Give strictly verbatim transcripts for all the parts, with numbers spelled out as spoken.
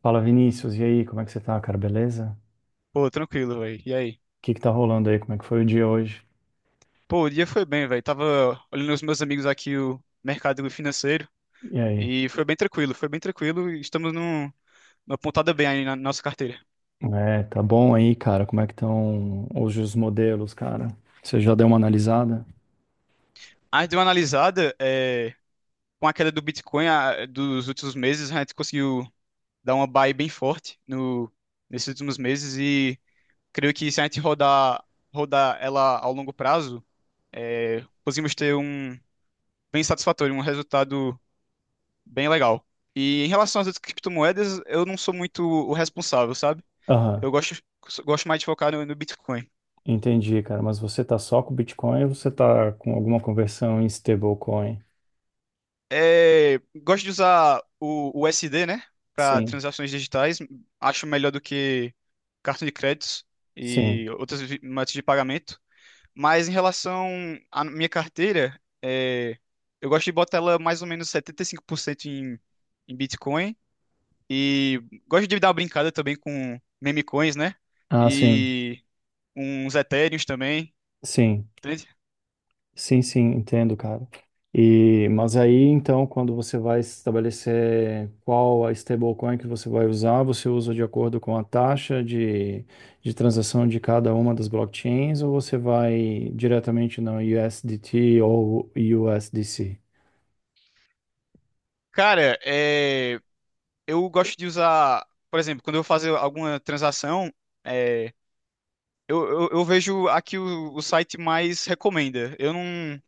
Fala, Vinícius, e aí, como é que você tá, cara? Beleza? Pô, tranquilo, velho. E aí? O que que tá rolando aí? Como é que foi o dia hoje? Pô, o dia foi bem, velho. Tava olhando os meus amigos aqui o mercado financeiro E aí? e foi bem tranquilo, foi bem tranquilo. e Estamos num, numa pontada bem aí na nossa carteira. É, tá bom aí, cara? Como é que estão hoje os modelos, cara? Você já deu uma analisada? A gente deu uma analisada, é, com a queda do Bitcoin a- dos últimos meses. A gente conseguiu dar uma buy bem forte no, nesses últimos meses. E creio que se a gente rodar, rodar ela ao longo prazo, é, conseguimos ter um bem satisfatório, um resultado bem legal. E em relação às outras criptomoedas, eu não sou muito o responsável, sabe? Aham, Eu gosto, Gosto mais de focar no, no Bitcoin. entendi, cara. Mas você tá só com Bitcoin ou você tá com alguma conversão em stablecoin? É, gosto de usar o o U S D, né, para Sim, transações digitais. Acho melhor do que cartão de créditos sim. e outras vi- métodos de pagamento. Mas em relação à minha carteira, é, eu gosto de botar ela mais ou menos setenta e cinco por cento em, em Bitcoin. E gosto de dar uma brincada também com meme coins, né? Ah, sim, E uns etéreos também, sim. entende? Sim, sim, entendo, cara. E, mas aí, então, quando você vai estabelecer qual a stablecoin que você vai usar, você usa de acordo com a taxa de, de transação de cada uma das blockchains ou você vai diretamente no U S D T ou U S D C? Cara, é, eu gosto de usar, por exemplo, quando eu vou fazer alguma transação, é, eu, eu, eu vejo aqui o, o site mais recomenda. Eu não,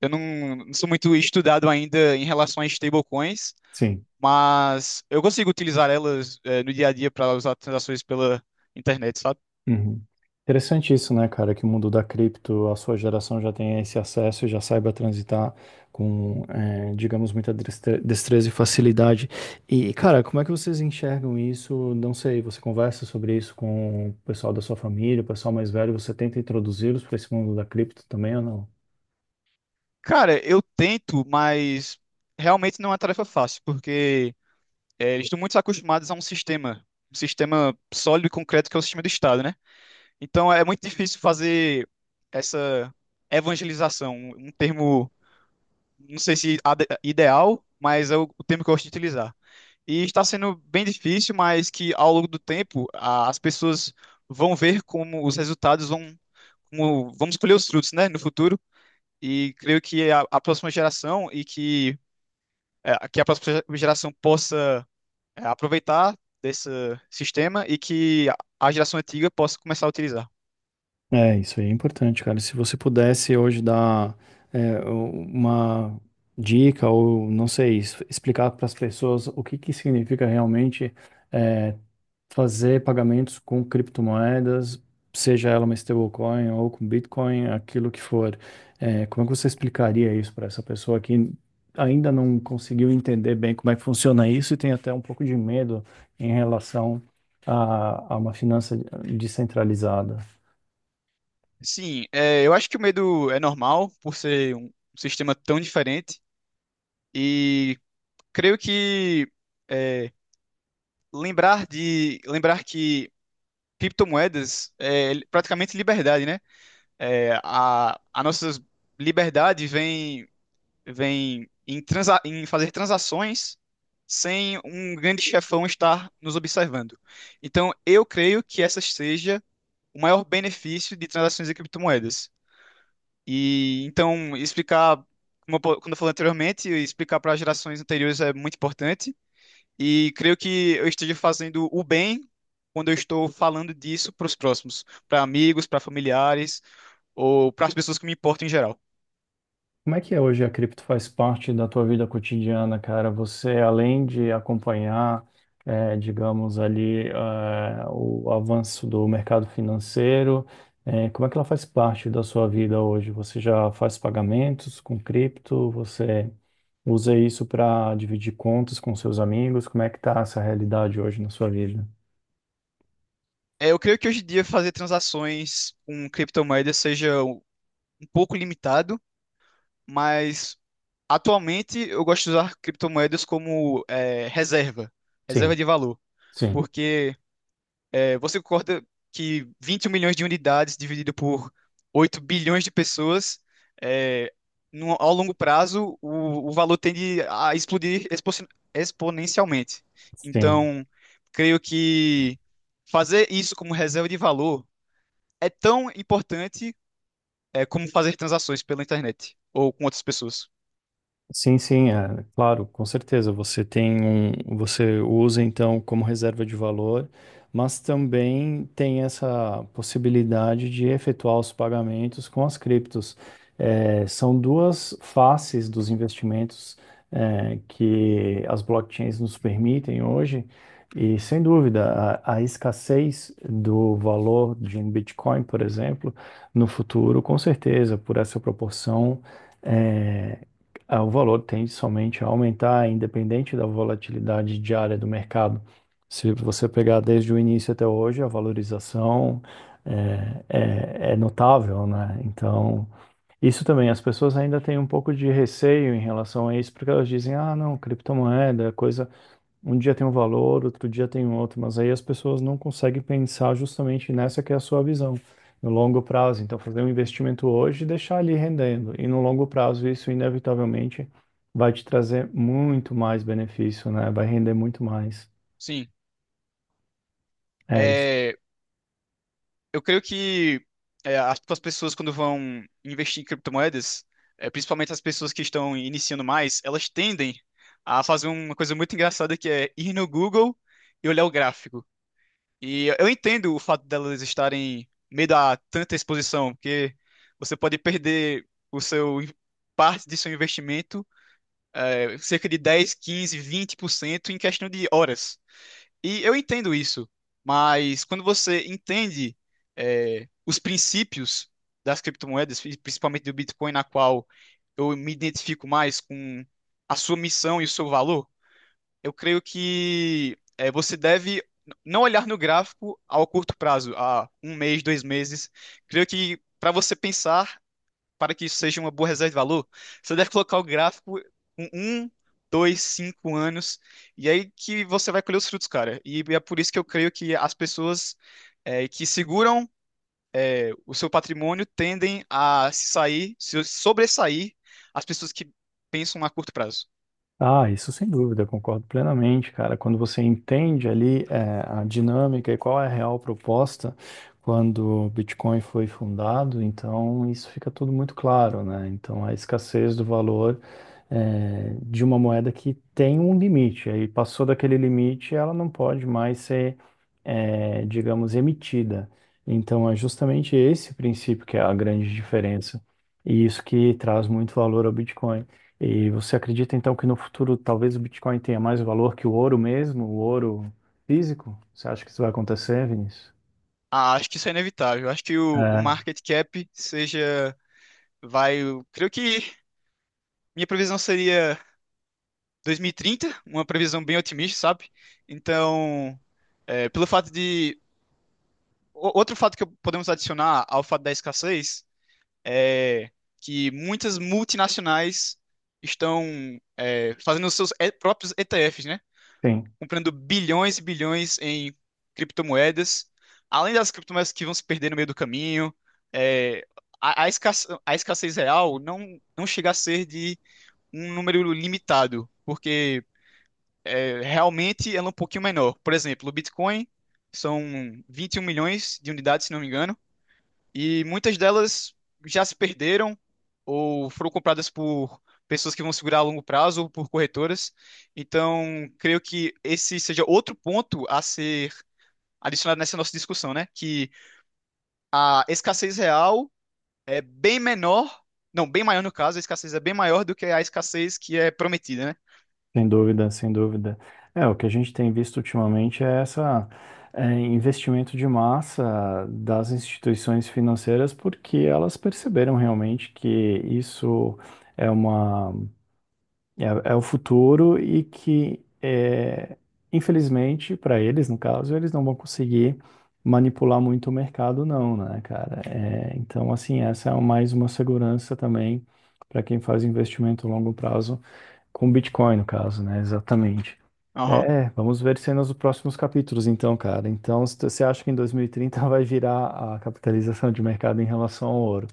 eu não, não sou muito estudado ainda em relação a stablecoins, Sim. mas eu consigo utilizar elas, é, no dia a dia para usar transações pela internet, sabe? Uhum. Interessante isso, né, cara? Que o mundo da cripto, a sua geração já tem esse acesso e já saiba transitar com, eh, digamos, muita destre- destreza e facilidade. E, cara, como é que vocês enxergam isso? Não sei, você conversa sobre isso com o pessoal da sua família, o pessoal mais velho, você tenta introduzi-los para esse mundo da cripto também ou não? Cara, eu tento, mas realmente não é uma tarefa fácil, porque É, eles estão muito acostumados a um sistema, um sistema sólido e concreto que é o sistema do Estado, né? Então é muito difícil fazer essa evangelização, um termo, não sei se ade- ideal, mas é o, o termo que eu gosto de utilizar. E está sendo bem difícil, mas que ao longo do tempo a- as pessoas vão ver como os resultados vão, como, vamos colher os frutos, né, no futuro. E creio que a, a próxima geração e que, é, que a próxima geração possa é, aproveitar desse sistema e que a a geração antiga possa começar a utilizar. É, isso aí é importante, cara. Se você pudesse hoje dar, eh, uma dica ou, não sei, es- explicar para as pessoas o que que significa realmente, fazer pagamentos com criptomoedas, seja ela uma stablecoin ou com Bitcoin, aquilo que for. É, como é que você explicaria isso para essa pessoa que ainda não conseguiu entender bem como é que funciona isso e tem até um pouco de medo em relação a, a uma finança descentralizada? Sim, é, eu acho que o medo é normal por ser um sistema tão diferente e creio que é, lembrar de lembrar que criptomoedas é praticamente liberdade, né? É, a, a nossa liberdade vem vem em, transa em fazer transações sem um grande chefão estar nos observando. Então, eu creio que essa seja o maior benefício de transações em criptomoedas. E então, explicar, como eu, po- quando eu falei anteriormente, explicar para gerações anteriores é muito importante. E creio que eu esteja fazendo o bem quando eu estou falando disso para os próximos, para amigos, para familiares ou para as pessoas que me importam em geral. Como é que é hoje a cripto faz parte da tua vida cotidiana, cara? Você, além de acompanhar, eh, digamos ali, eh, o avanço do mercado financeiro, eh, como é que ela faz parte da sua vida hoje? Você já faz pagamentos com cripto? Você usa isso para dividir contas com seus amigos? Como é que tá essa realidade hoje na sua vida? É, eu creio que hoje em dia fazer transações com criptomoedas seja um um pouco limitado, mas atualmente eu gosto de usar criptomoedas como é, reserva, reserva Sim, de valor, sim, porque é, você concorda que vinte e um milhões de unidades dividido por oito bilhões de pessoas, é, no- ao longo prazo o, o valor tende a explodir expo- exponencialmente. sim. Então, creio que fazer isso como reserva de valor é tão importante é, como fazer transações pela internet ou com outras pessoas. Sim, sim, é, claro, com certeza. Você tem um, você usa então como reserva de valor, mas também tem essa possibilidade de efetuar os pagamentos com as criptos. É, são duas faces dos investimentos, é, que as blockchains nos permitem hoje, e sem dúvida, a, a escassez do valor de um Bitcoin, por exemplo, no futuro, com certeza, por essa proporção. É, ah, o valor tende somente a aumentar, independente da volatilidade diária do mercado. Se você pegar desde o início até hoje, a valorização é, é- é notável, né? Então, isso também, as pessoas ainda têm um pouco de receio em relação a isso, porque elas dizem, ah, não, criptomoeda é coisa, um dia tem um valor, outro dia tem um outro, mas aí as pessoas não conseguem pensar justamente nessa que é a sua visão, no longo prazo. Então, fazer um investimento hoje e deixar ali rendendo. E no longo prazo, isso inevitavelmente vai te trazer muito mais benefício, né? Vai render muito mais. Sim, É isso. é, eu creio que é, as tipo, as pessoas quando vão investir em criptomoedas, é, principalmente as pessoas que estão iniciando mais, elas tendem a fazer uma coisa muito engraçada que é ir no Google e olhar o gráfico. E eu entendo o fato delas estarem meio a tanta exposição, porque você pode perder o seu parte de seu investimento cerca de dez, quinze, vinte por cento em questão de horas. E eu entendo isso, mas quando você entende é, os princípios das criptomoedas, e principalmente do Bitcoin, na qual eu me identifico mais com a sua missão e o seu valor, eu creio que é, você deve não olhar no gráfico ao curto prazo, a um mês, dois meses. Creio que para você pensar para que isso seja uma boa reserva de valor, você deve colocar o gráfico com um, dois, cinco anos, e aí que você vai colher os frutos, cara. E é por isso que eu creio que as pessoas é, que seguram é, o seu patrimônio tendem a se sair, se sobressair as pessoas que pensam a curto prazo. Ah, isso sem dúvida, eu concordo plenamente, cara. Quando você entende ali, eh, a dinâmica e qual é a real proposta quando o Bitcoin foi fundado, então isso fica tudo muito claro, né? Então a escassez do valor é, de uma moeda que tem um limite. Aí passou daquele limite, ela não pode mais ser, é, digamos, emitida. Então é justamente esse princípio que é a grande diferença. E isso que traz muito valor ao Bitcoin. E você acredita então que no futuro talvez o Bitcoin tenha mais valor que o ouro mesmo, o ouro físico? Você acha que isso vai acontecer, Vinícius? Ah, acho que isso é inevitável. Acho que o, o É, market cap seja, vai, eu creio que minha previsão seria dois mil e trinta, uma previsão bem otimista, sabe? Então, é, pelo fato de O- Outro fato que podemos adicionar ao fato da escassez é que muitas multinacionais estão é, fazendo os seus e- próprios E T Efs, né? sim. Comprando bilhões e bilhões em criptomoedas, além das criptomoedas que vão se perder no meio do caminho. é, a, a escassez, a escassez real não, não chega a ser de um número limitado, porque é, realmente ela é um pouquinho menor. Por exemplo, o Bitcoin são vinte e um milhões de unidades, se não me engano. E muitas delas já se perderam ou foram compradas por pessoas que vão segurar a longo prazo ou por corretoras. Então, creio que esse seja outro ponto a ser adicionado nessa nossa discussão, né? Que a escassez real é bem menor, não, bem maior no caso, a escassez é bem maior do que a escassez que é prometida, né? Sem dúvida, sem dúvida. É, o que a gente tem visto ultimamente é essa, é, investimento de massa das instituições financeiras, porque elas perceberam realmente que isso é uma, é, é o futuro e que é, infelizmente para eles, no caso, eles não vão conseguir manipular muito o mercado, não, né, cara? É, então, assim, essa é mais uma segurança também para quem faz investimento a longo prazo com Bitcoin, no caso, né? Exatamente. Aham. É, vamos ver cenas dos próximos capítulos, então, cara. Então, se você acha que em dois mil e trinta vai virar a capitalização de mercado em relação ao ouro?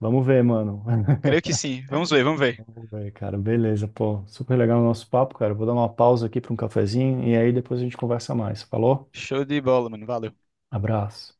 Vamos ver, mano. Creio que sim. Vamos ver, vamos ver. Vamos ver, cara. Beleza, pô. Super legal o nosso papo, cara. Vou dar uma pausa aqui para um cafezinho e aí depois a gente conversa mais. Falou? Show de bola, mano. Valeu. Abraço.